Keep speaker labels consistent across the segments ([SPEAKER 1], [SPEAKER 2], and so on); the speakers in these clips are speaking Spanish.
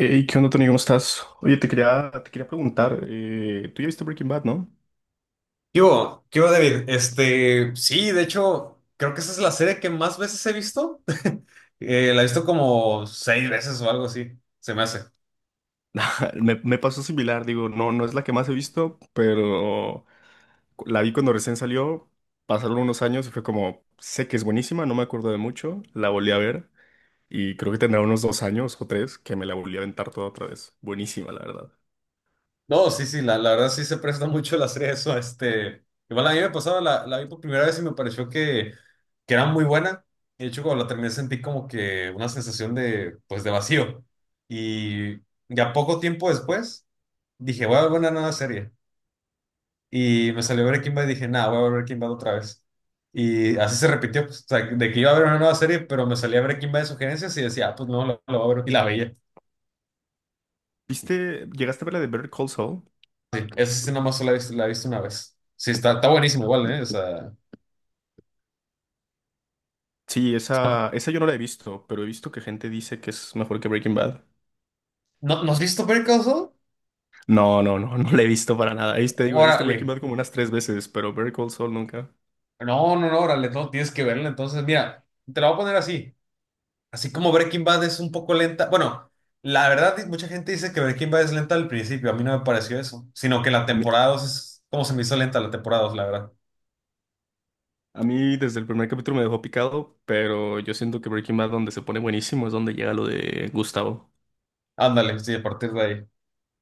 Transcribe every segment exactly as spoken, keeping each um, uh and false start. [SPEAKER 1] Hey, ¿qué onda, Tony? ¿Cómo estás? Oye, te quería, te quería preguntar, eh, tú ya viste Breaking Bad, ¿no?
[SPEAKER 2] ¿Qué hubo? ¿Qué hubo, David? Este, sí, de hecho, creo que esa es la serie que más veces he visto. Eh, la he visto como seis veces o algo así, se me hace.
[SPEAKER 1] Me, me pasó similar, digo, no, no es la que más he visto, pero cu- la vi cuando recién salió, pasaron unos años y fue como, sé que es buenísima, no me acuerdo de mucho, la volví a ver y creo que tendrá unos dos años o tres que me la volví a aventar toda otra vez. Buenísima, la verdad.
[SPEAKER 2] No, sí, sí, la, la verdad sí se presta mucho la serie a eso. Este, igual a mí me pasaba, la, la vi por primera vez y me pareció que, que era muy buena. De hecho, cuando la terminé sentí como que una sensación de, pues, de vacío. Y ya poco tiempo después dije, voy a ver una nueva serie. Y me salió Breaking Bad y dije, nada, voy a ver Breaking Bad otra vez. Y así se repitió, pues, o sea, de que iba a ver una nueva serie, pero me salía Breaking Bad de sugerencias y decía, ah, pues no, lo la voy a ver. Y la veía.
[SPEAKER 1] ¿Viste, llegaste a ver la de Better Call Saul?
[SPEAKER 2] Sí, esa sí nomás solo la he visto, la he visto una vez. Sí, está, está buenísimo igual, ¿eh? O sea,
[SPEAKER 1] Sí, esa, esa yo no la he visto, pero he visto que gente dice que es mejor que Breaking Bad.
[SPEAKER 2] ¿no, ¿no has visto Better Call Saul?
[SPEAKER 1] No, no, no, no la he visto para nada. Ahí te digo, he visto Breaking
[SPEAKER 2] Órale.
[SPEAKER 1] Bad como unas tres veces, pero Better Call Saul nunca.
[SPEAKER 2] No, no, no, órale, no, tienes que verla. Entonces, mira, te la voy a poner así. Así como Breaking Bad es un poco lenta. Bueno, la verdad, di- mucha gente dice que Breaking Bad es lenta al principio. A mí no me pareció eso. Sino que la
[SPEAKER 1] A mí,
[SPEAKER 2] temporada dos es como se me hizo lenta la temporada dos la verdad.
[SPEAKER 1] a mí desde el primer capítulo me dejó picado, pero yo siento que Breaking Bad donde se pone buenísimo es donde llega lo de Gustavo.
[SPEAKER 2] Ándale, sí, a partir de ahí.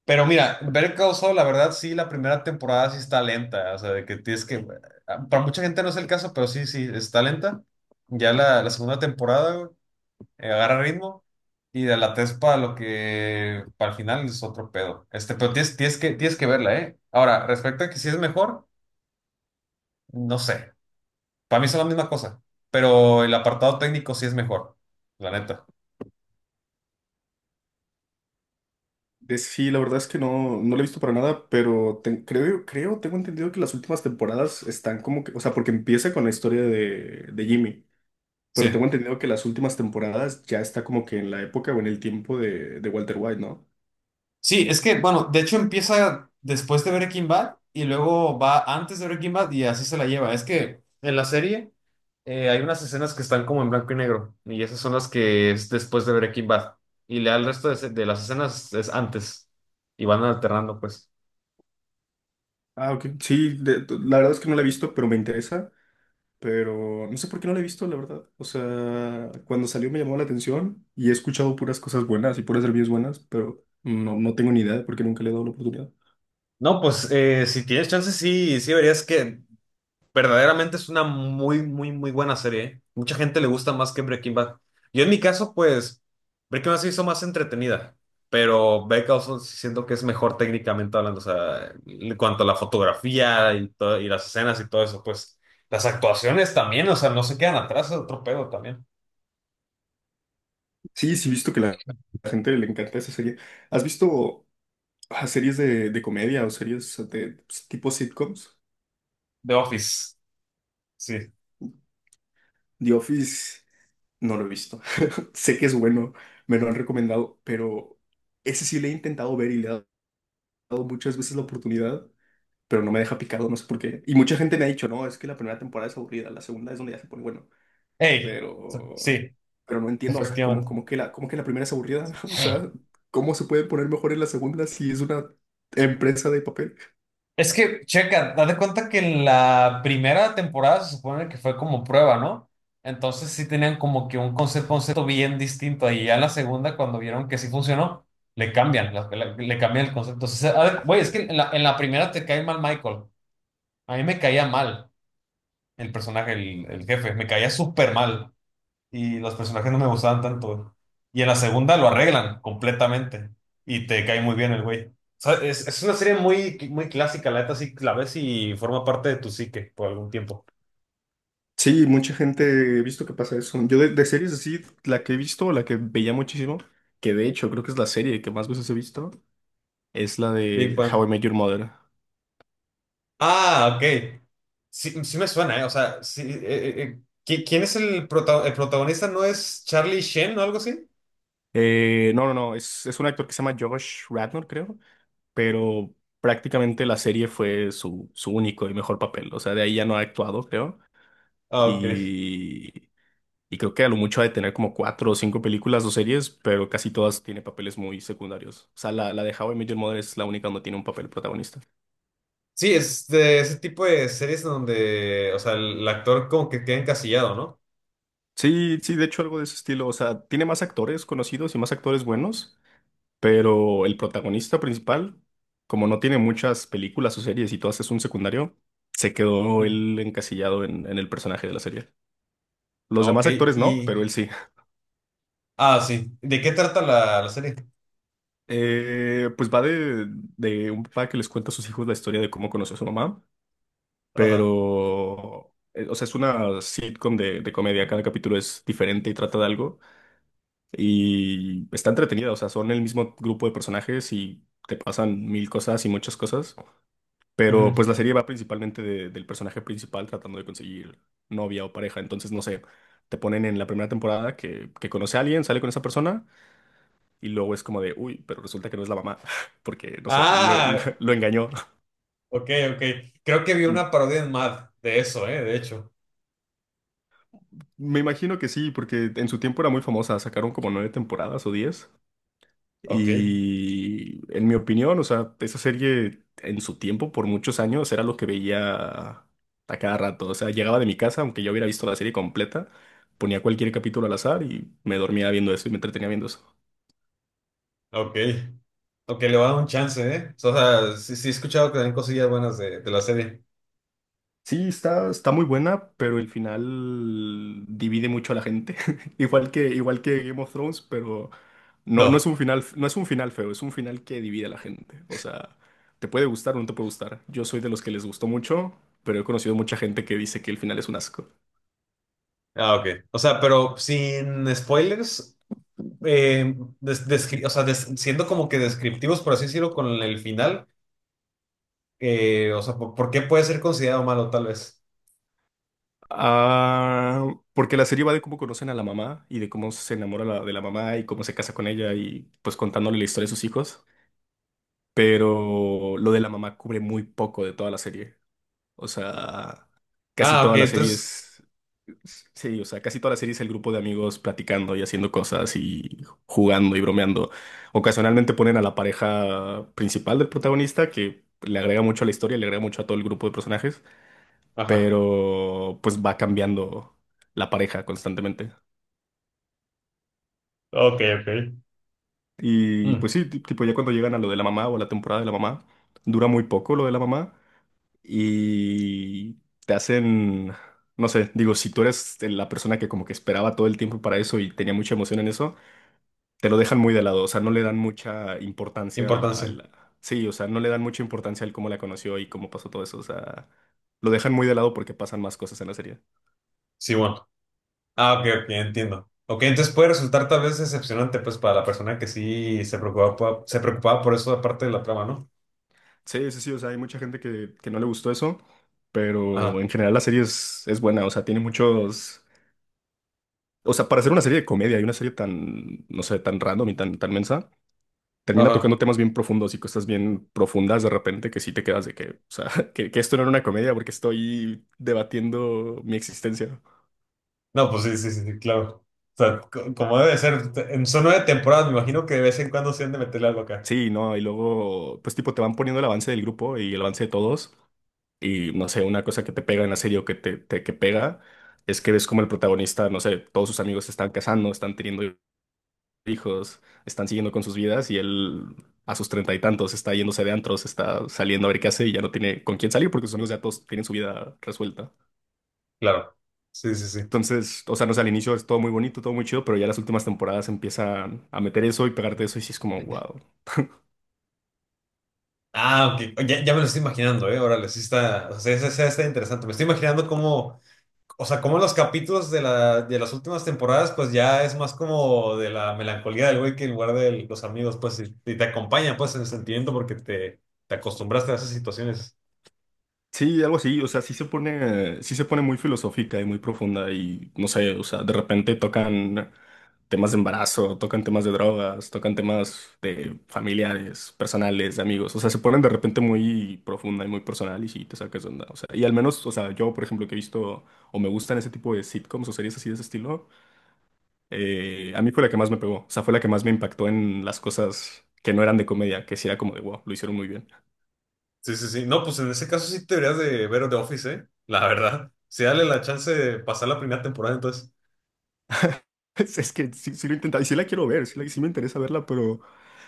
[SPEAKER 2] Pero mira, Better Call Saul, la verdad, sí, la primera temporada sí está lenta. O sea, de que tienes que. ah, Para mucha gente no es el caso, pero sí, sí, está lenta. Ya la, la segunda temporada, güey, eh, agarra ritmo. Y de la tres para lo que. Para el final es otro pedo. Este, pero tienes, tienes que, tienes que verla, ¿eh? Ahora, respecto a que si es mejor, no sé. Para mí son la misma cosa. Pero el apartado técnico sí es mejor. La neta.
[SPEAKER 1] De- Sí, la verdad es que no, no la he visto para nada, pero te- creo, creo, tengo entendido que las últimas temporadas están como que, o sea, porque empieza con la historia de, de Jimmy, pero tengo
[SPEAKER 2] Sí.
[SPEAKER 1] entendido que las últimas temporadas ya está como que en la época o en el tiempo de, de Walter White, ¿no?
[SPEAKER 2] Sí, es que, bueno, de hecho empieza después de Breaking Bad y luego va antes de Breaking Bad y así se la lleva. Es que en la serie eh, hay unas escenas que están como en blanco y negro y esas son las que es después de Breaking Bad. Y le el resto de, se- de las escenas es antes y van alternando, pues.
[SPEAKER 1] Ah, ok. Sí, de- la verdad es que no la he visto, pero me interesa. Pero no sé por qué no la he visto, la verdad. O sea, cuando salió me llamó la atención y he escuchado puras cosas buenas y puras reviews buenas, pero no, no tengo ni idea porque nunca le he dado la oportunidad.
[SPEAKER 2] No, pues eh, si tienes chance, sí, sí verías que. Verdaderamente es una muy, muy, muy buena serie. ¿Eh? Mucha gente le gusta más que Breaking Bad. Yo en mi caso, pues, Breaking Bad se hizo más entretenida, pero Better Call Saul sí siento que es mejor técnicamente hablando, o sea, en cuanto a la fotografía y, to- y las escenas y todo eso, pues, las actuaciones también, o sea, no se quedan atrás, es otro pedo también.
[SPEAKER 1] Sí, sí, he visto que la, la gente le encanta esa serie. ¿Has visto ah, series de, de comedia o series de, pues, tipo sitcoms?
[SPEAKER 2] The Office, sí.
[SPEAKER 1] The Office no lo he visto. Sé que es bueno, me lo han recomendado, pero ese sí le he intentado ver y le he dado muchas veces la oportunidad, pero no me deja picado, no sé por qué. Y mucha gente me ha dicho, no, es que la primera temporada es aburrida, la segunda es donde ya se pone bueno,
[SPEAKER 2] Hey,
[SPEAKER 1] pero,
[SPEAKER 2] sí,
[SPEAKER 1] pero no entiendo, o sea, ¿cómo,
[SPEAKER 2] efectivamente.
[SPEAKER 1] cómo que la, cómo que la primera es aburrida? O sea, ¿cómo se puede poner mejor en la segunda si es una empresa de papel?
[SPEAKER 2] Es que, checa, date cuenta que la primera temporada se supone que fue como prueba, ¿no? Entonces sí tenían como que un concepto, concepto bien distinto. Y ya en la segunda, cuando vieron que sí funcionó, le cambian, la- la- le cambian el concepto. O sea, a ver, güey, es que en la, en la primera te cae mal Michael. A mí me caía mal el personaje, el, el jefe, me caía súper mal y los personajes no me gustaban tanto. Y en la segunda lo arreglan completamente y te cae muy bien el güey. O sea, es, es una serie muy, muy clásica, la neta sí la ves y forma parte de tu psique por algún tiempo.
[SPEAKER 1] Sí, mucha gente he visto que pasa eso. Yo de, de series así, la que he visto, la que veía muchísimo, que de hecho creo que es la serie que más veces he visto, es la
[SPEAKER 2] Big
[SPEAKER 1] de How
[SPEAKER 2] Bang.
[SPEAKER 1] I Met Your Mother.
[SPEAKER 2] Ah, ok. Sí, sí me suena, ¿eh? O sea, sí, eh, eh, eh, ¿qui- quién es el, prota- el protagonista? ¿No es Charlie Sheen o algo así?
[SPEAKER 1] Eh, no, no, no, es, es un actor que se llama Josh Radnor, creo. Pero prácticamente la serie fue su, su único y mejor papel. O sea, de ahí ya no ha actuado, creo.
[SPEAKER 2] Ah, ok.
[SPEAKER 1] Y, y creo que a lo mucho ha de tener como cuatro o cinco películas o series, pero casi todas tiene papeles muy secundarios. O sea, la, la de How I Met Your Mother es la única donde tiene un papel protagonista.
[SPEAKER 2] Sí, es de ese tipo de series donde, o sea, el, el actor como que queda encasillado, ¿no?
[SPEAKER 1] Sí, sí, de hecho algo de ese estilo. O sea, tiene más actores conocidos y más actores buenos, pero el protagonista principal, como no tiene muchas películas o series y todas es un secundario, se quedó
[SPEAKER 2] Mm.
[SPEAKER 1] él encasillado en, en el personaje de la serie. Los
[SPEAKER 2] Ah, ok.
[SPEAKER 1] demás actores no, pero
[SPEAKER 2] Y,
[SPEAKER 1] él sí.
[SPEAKER 2] ah, sí. ¿De qué trata la, la serie?
[SPEAKER 1] Eh, pues va de, de un papá que les cuenta a sus hijos la historia de cómo conoció a su mamá,
[SPEAKER 2] Ajá.
[SPEAKER 1] pero, eh, o sea, es una sitcom de, de comedia, cada capítulo es diferente y trata de algo y está entretenida, o sea, son el mismo grupo de personajes y te pasan mil cosas y muchas cosas, pero pues la
[SPEAKER 2] Ujú.
[SPEAKER 1] serie va principalmente de- del personaje principal tratando de conseguir novia o pareja, entonces no sé, te ponen en la primera temporada que, que conoce a alguien, sale con esa persona. Y luego es como de, uy, pero resulta que no es la mamá, porque, no sé, lo, lo-
[SPEAKER 2] Ah,
[SPEAKER 1] lo engañó.
[SPEAKER 2] ok, ok. Creo que vi una parodia en Mad de eso, ¿eh? De hecho.
[SPEAKER 1] Me imagino que sí, porque en su tiempo era muy famosa, sacaron como nueve temporadas o diez.
[SPEAKER 2] Ok,
[SPEAKER 1] Y en mi opinión, o sea, esa serie en su tiempo, por muchos años, era lo que veía a cada rato. O sea, llegaba de mi casa, aunque yo hubiera visto la serie completa, ponía cualquier capítulo al azar y me dormía viendo eso y me entretenía viendo eso.
[SPEAKER 2] ok. Ok, le voy a dar un chance, ¿eh? O sea, sí, sí he escuchado que hay cosillas buenas de, de la serie.
[SPEAKER 1] Sí, está, está muy buena, pero el final divide mucho a la gente. Igual que, igual que Game of Thrones, pero no, no es
[SPEAKER 2] No.
[SPEAKER 1] un final, no es un final feo, es un final que divide a la gente. O sea, te puede gustar o no te puede gustar. Yo soy de los que les gustó mucho, pero he conocido mucha gente que dice que el final es un asco.
[SPEAKER 2] Ah, ok. O sea, pero sin spoilers, eh, des- descri- o sea, des- siendo como que descriptivos, por así decirlo, con el final, eh, o sea, ¿por, por qué puede ser considerado malo tal vez?
[SPEAKER 1] Ah, porque la serie va de cómo conocen a la mamá y de cómo se enamora la- de la mamá y cómo se casa con ella y pues contándole la historia de sus hijos. Pero lo de la mamá cubre muy poco de toda la serie. O sea, casi
[SPEAKER 2] Ah, ok,
[SPEAKER 1] toda la serie
[SPEAKER 2] entonces...
[SPEAKER 1] es… Sí, o sea, casi toda la serie es el grupo de amigos platicando y haciendo cosas y jugando y bromeando. Ocasionalmente ponen a la pareja principal del protagonista, que le agrega mucho a la historia, le agrega mucho a todo el grupo de personajes,
[SPEAKER 2] Ajá.
[SPEAKER 1] pero pues va cambiando la pareja constantemente.
[SPEAKER 2] Ok,
[SPEAKER 1] Y
[SPEAKER 2] ok.
[SPEAKER 1] pues sí, ti- tipo ya cuando llegan a lo de la mamá o a la temporada de la mamá, dura muy poco lo de la mamá. Y te hacen, no sé, digo, si tú eres la persona que como que esperaba todo el tiempo para eso y tenía mucha emoción en eso, te lo dejan muy de lado, o sea, no le dan mucha importancia
[SPEAKER 2] Importancia.
[SPEAKER 1] al… Sí, o sea, no le dan mucha importancia al cómo la conoció y cómo pasó todo eso, o sea, lo dejan muy de lado porque pasan más cosas en la serie.
[SPEAKER 2] Sí, bueno. Ah, ok, ok, entiendo. Ok, entonces puede resultar tal vez decepcionante, pues, para la persona que sí se preocupaba, po- se preocupaba por eso, aparte de la trama, ¿no?
[SPEAKER 1] Sí, sí, sí, o sea, hay mucha gente que, que no le gustó eso, pero
[SPEAKER 2] Ajá,
[SPEAKER 1] en general la serie es, es buena, o sea, tiene muchos… O sea, para hacer una serie de comedia y una serie tan, no sé, tan random y tan, tan mensa, termina
[SPEAKER 2] ajá.
[SPEAKER 1] tocando temas bien profundos y cosas bien profundas de repente que sí te quedas de que, o sea, que, que esto no era una comedia porque estoy debatiendo mi existencia.
[SPEAKER 2] No, pues sí, sí, sí, sí, claro. O sea, co- como debe ser, te- en- son nueve temporadas, me imagino que de vez en cuando se han de meterle algo acá.
[SPEAKER 1] Sí, no, y luego, pues tipo, te van poniendo el avance del grupo y el avance de todos. Y no sé, una cosa que te pega en la serie o que te, te- que pega es que ves como el protagonista, no sé, todos sus amigos se están casando, están teniendo hijos, están siguiendo con sus vidas y él a sus treinta y tantos está yéndose de antros, está saliendo a ver qué hace y ya no tiene con quién salir porque sus amigos ya todos tienen su vida resuelta.
[SPEAKER 2] Claro. Sí, sí, sí.
[SPEAKER 1] Entonces, o sea, no sé, al inicio es todo muy bonito, todo muy chido, pero ya las últimas temporadas empiezan a meter eso y pegarte eso y sí es como, wow.
[SPEAKER 2] Ah, ok. Ya, ya me lo estoy imaginando, ¿eh? Órale, sí está, o sea, esa- esa está interesante. Me estoy imaginando cómo. O sea, como los capítulos de, la, de las últimas temporadas, pues ya es más como de la melancolía del güey que en lugar de los amigos, pues, y, y te acompaña, pues, en el sentimiento porque te, te acostumbraste a esas situaciones.
[SPEAKER 1] Sí, algo así, o sea, sí se pone, sí se pone muy filosófica y muy profunda y no sé, o sea, de repente tocan temas de embarazo, tocan temas de drogas, tocan temas de familiares, personales, de amigos, o sea, se ponen de repente muy profunda y muy personal y sí te sacas de onda, o sea, y al menos, o sea, yo, por ejemplo, que he visto o me gustan ese tipo de sitcoms o series así de ese estilo, eh, a mí fue la que más me pegó. O sea, fue la que más me impactó en las cosas que no eran de comedia, que sí era como de wow, lo hicieron muy bien.
[SPEAKER 2] Sí, sí, sí. No, pues en ese caso sí te deberías de ver The Office, ¿eh? La verdad. Sí, dale la chance de pasar la primera temporada, entonces.
[SPEAKER 1] Es, es que sí, sí lo he intentado y sí la quiero ver, sí, la- sí me interesa verla, pero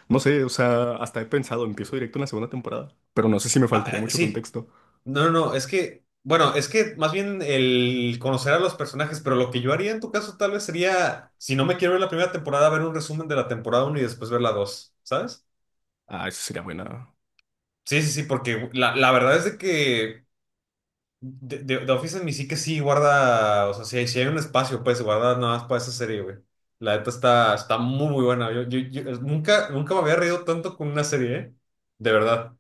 [SPEAKER 1] no sé, o sea, hasta he pensado, empiezo directo en la segunda temporada, pero no sé si me
[SPEAKER 2] Ah,
[SPEAKER 1] faltaría
[SPEAKER 2] eh,
[SPEAKER 1] mucho
[SPEAKER 2] sí.
[SPEAKER 1] contexto.
[SPEAKER 2] No, no, no, es que, bueno, es que más bien el conocer a los personajes, pero lo que yo haría en tu caso tal vez sería, si no me quiero ver la primera temporada, ver un resumen de la temporada uno y después ver la dos, ¿sabes?
[SPEAKER 1] Ah, eso sería buena.
[SPEAKER 2] Sí, sí, sí, porque la, la verdad es de que de, de- The Office en mi sí que sí guarda, o sea, si hay sí hay un espacio, pues, guarda nada más para esa serie, güey. La neta está, está muy, muy buena. Yo, yo, yo nunca, nunca me había reído tanto con una serie, ¿eh? De verdad.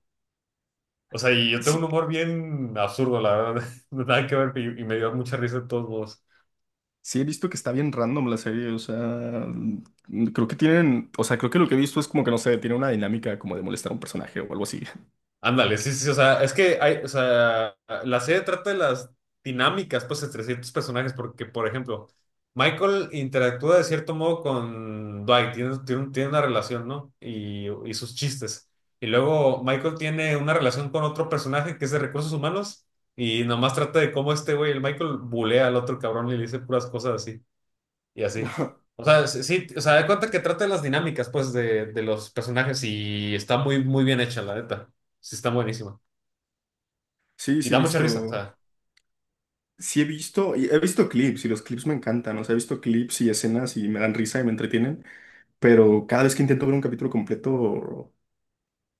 [SPEAKER 2] O sea, y yo tengo un
[SPEAKER 1] Sí,
[SPEAKER 2] humor bien absurdo, la verdad. Nada que ver, y, y me dio mucha risa de todos modos.
[SPEAKER 1] sí he visto que está bien random la serie, o sea, mm, creo que tienen, o sea, creo que lo que he visto es como que no sé, tiene una dinámica como de molestar a un personaje o algo así.
[SPEAKER 2] Ándale, sí, sí, sí, o sea, es que hay, o sea, la serie trata de las dinámicas, pues, entre ciertos personajes, porque, por ejemplo, Michael interactúa de cierto modo con Dwight, tiene, tiene un- tiene una relación, ¿no? Y, y sus chistes. Y luego Michael tiene una relación con otro personaje que es de recursos humanos y nomás trata de cómo este güey, el Michael, bulea al otro cabrón y le dice puras cosas así y así. O sea, sí, sí, o sea, de cuenta que trata de las dinámicas, pues, de, de los personajes y está muy, muy bien hecha, la neta. Sí, está buenísima.
[SPEAKER 1] Sí,
[SPEAKER 2] Y
[SPEAKER 1] sí he
[SPEAKER 2] da mucha risa, o
[SPEAKER 1] visto.
[SPEAKER 2] sea.
[SPEAKER 1] Sí he visto, y he visto clips y los clips me encantan, o sea, he visto clips y escenas y me dan risa y me entretienen, pero cada vez que intento ver un capítulo completo,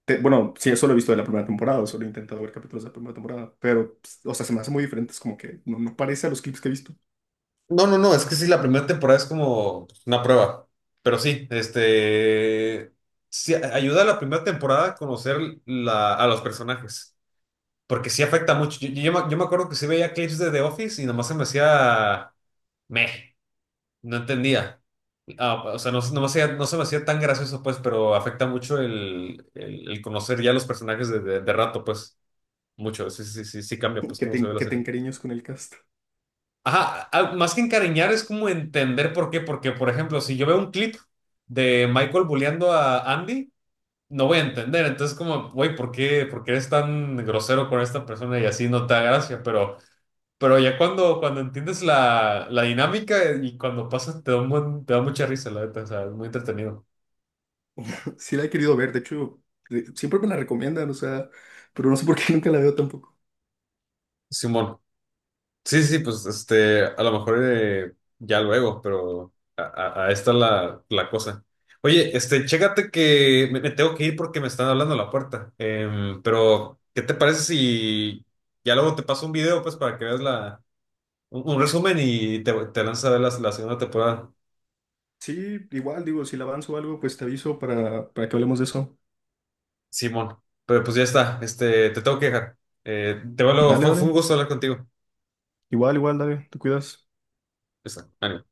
[SPEAKER 1] te- bueno, sí, solo he visto de la primera temporada, solo he intentado ver capítulos de la primera temporada, pero, pues, o sea, se me hace muy diferente, es como que no, no parece a los clips que he visto,
[SPEAKER 2] No, no, no, es que sí, la primera temporada es como una prueba. Pero sí, este, sí, a- ayuda a la primera temporada a conocer la, a los personajes. Porque sí afecta mucho. Yo, yo, me yo me acuerdo que sí veía clips de The Office y nomás se me hacía, meh, no entendía. Ah, o sea, no, no me hacía- no se me hacía tan gracioso, pues, pero afecta mucho el, el- el conocer ya los personajes de, de- de rato, pues, mucho. Sí, sí, sí, sí cambia, pues,
[SPEAKER 1] que
[SPEAKER 2] cómo se ve
[SPEAKER 1] te,
[SPEAKER 2] la
[SPEAKER 1] que te
[SPEAKER 2] serie.
[SPEAKER 1] encariñas con el cast.
[SPEAKER 2] Ajá, ah, más que encariñar es como entender por qué, porque, por ejemplo, si yo veo un clip de Michael bulleando a Andy, no voy a entender. Entonces, como, güey, ¿por qué, por qué eres tan grosero con esta persona y así no te da gracia? Pero, pero ya cuando, cuando entiendes la, la dinámica y cuando pasa, te da un buen- te da mucha risa, la neta, o sea, es muy entretenido.
[SPEAKER 1] Sí la he querido ver, de hecho, eh, siempre me la recomiendan, o sea, pero no sé por qué nunca la veo tampoco.
[SPEAKER 2] Simón. Sí, sí, pues este, a lo mejor eh, ya luego, pero a, a, a esta la, la cosa. Oye, este, chécate que me, me tengo que ir porque me están hablando a la puerta. Em, pero, ¿qué te parece si ya luego te paso un video, pues, para que veas la, un, un resumen y te, te lanzas a ver la, la segunda temporada,
[SPEAKER 1] Sí, igual, digo, si la avanzo o algo, pues te aviso para, para que hablemos de eso.
[SPEAKER 2] Simón? Pero pues ya está, este, te tengo que dejar. Eh, te veo luego,
[SPEAKER 1] Dale,
[SPEAKER 2] fue, fue
[SPEAKER 1] dale,
[SPEAKER 2] un gusto hablar contigo. Ya
[SPEAKER 1] igual, igual, dale, te cuidas.
[SPEAKER 2] está, ánimo.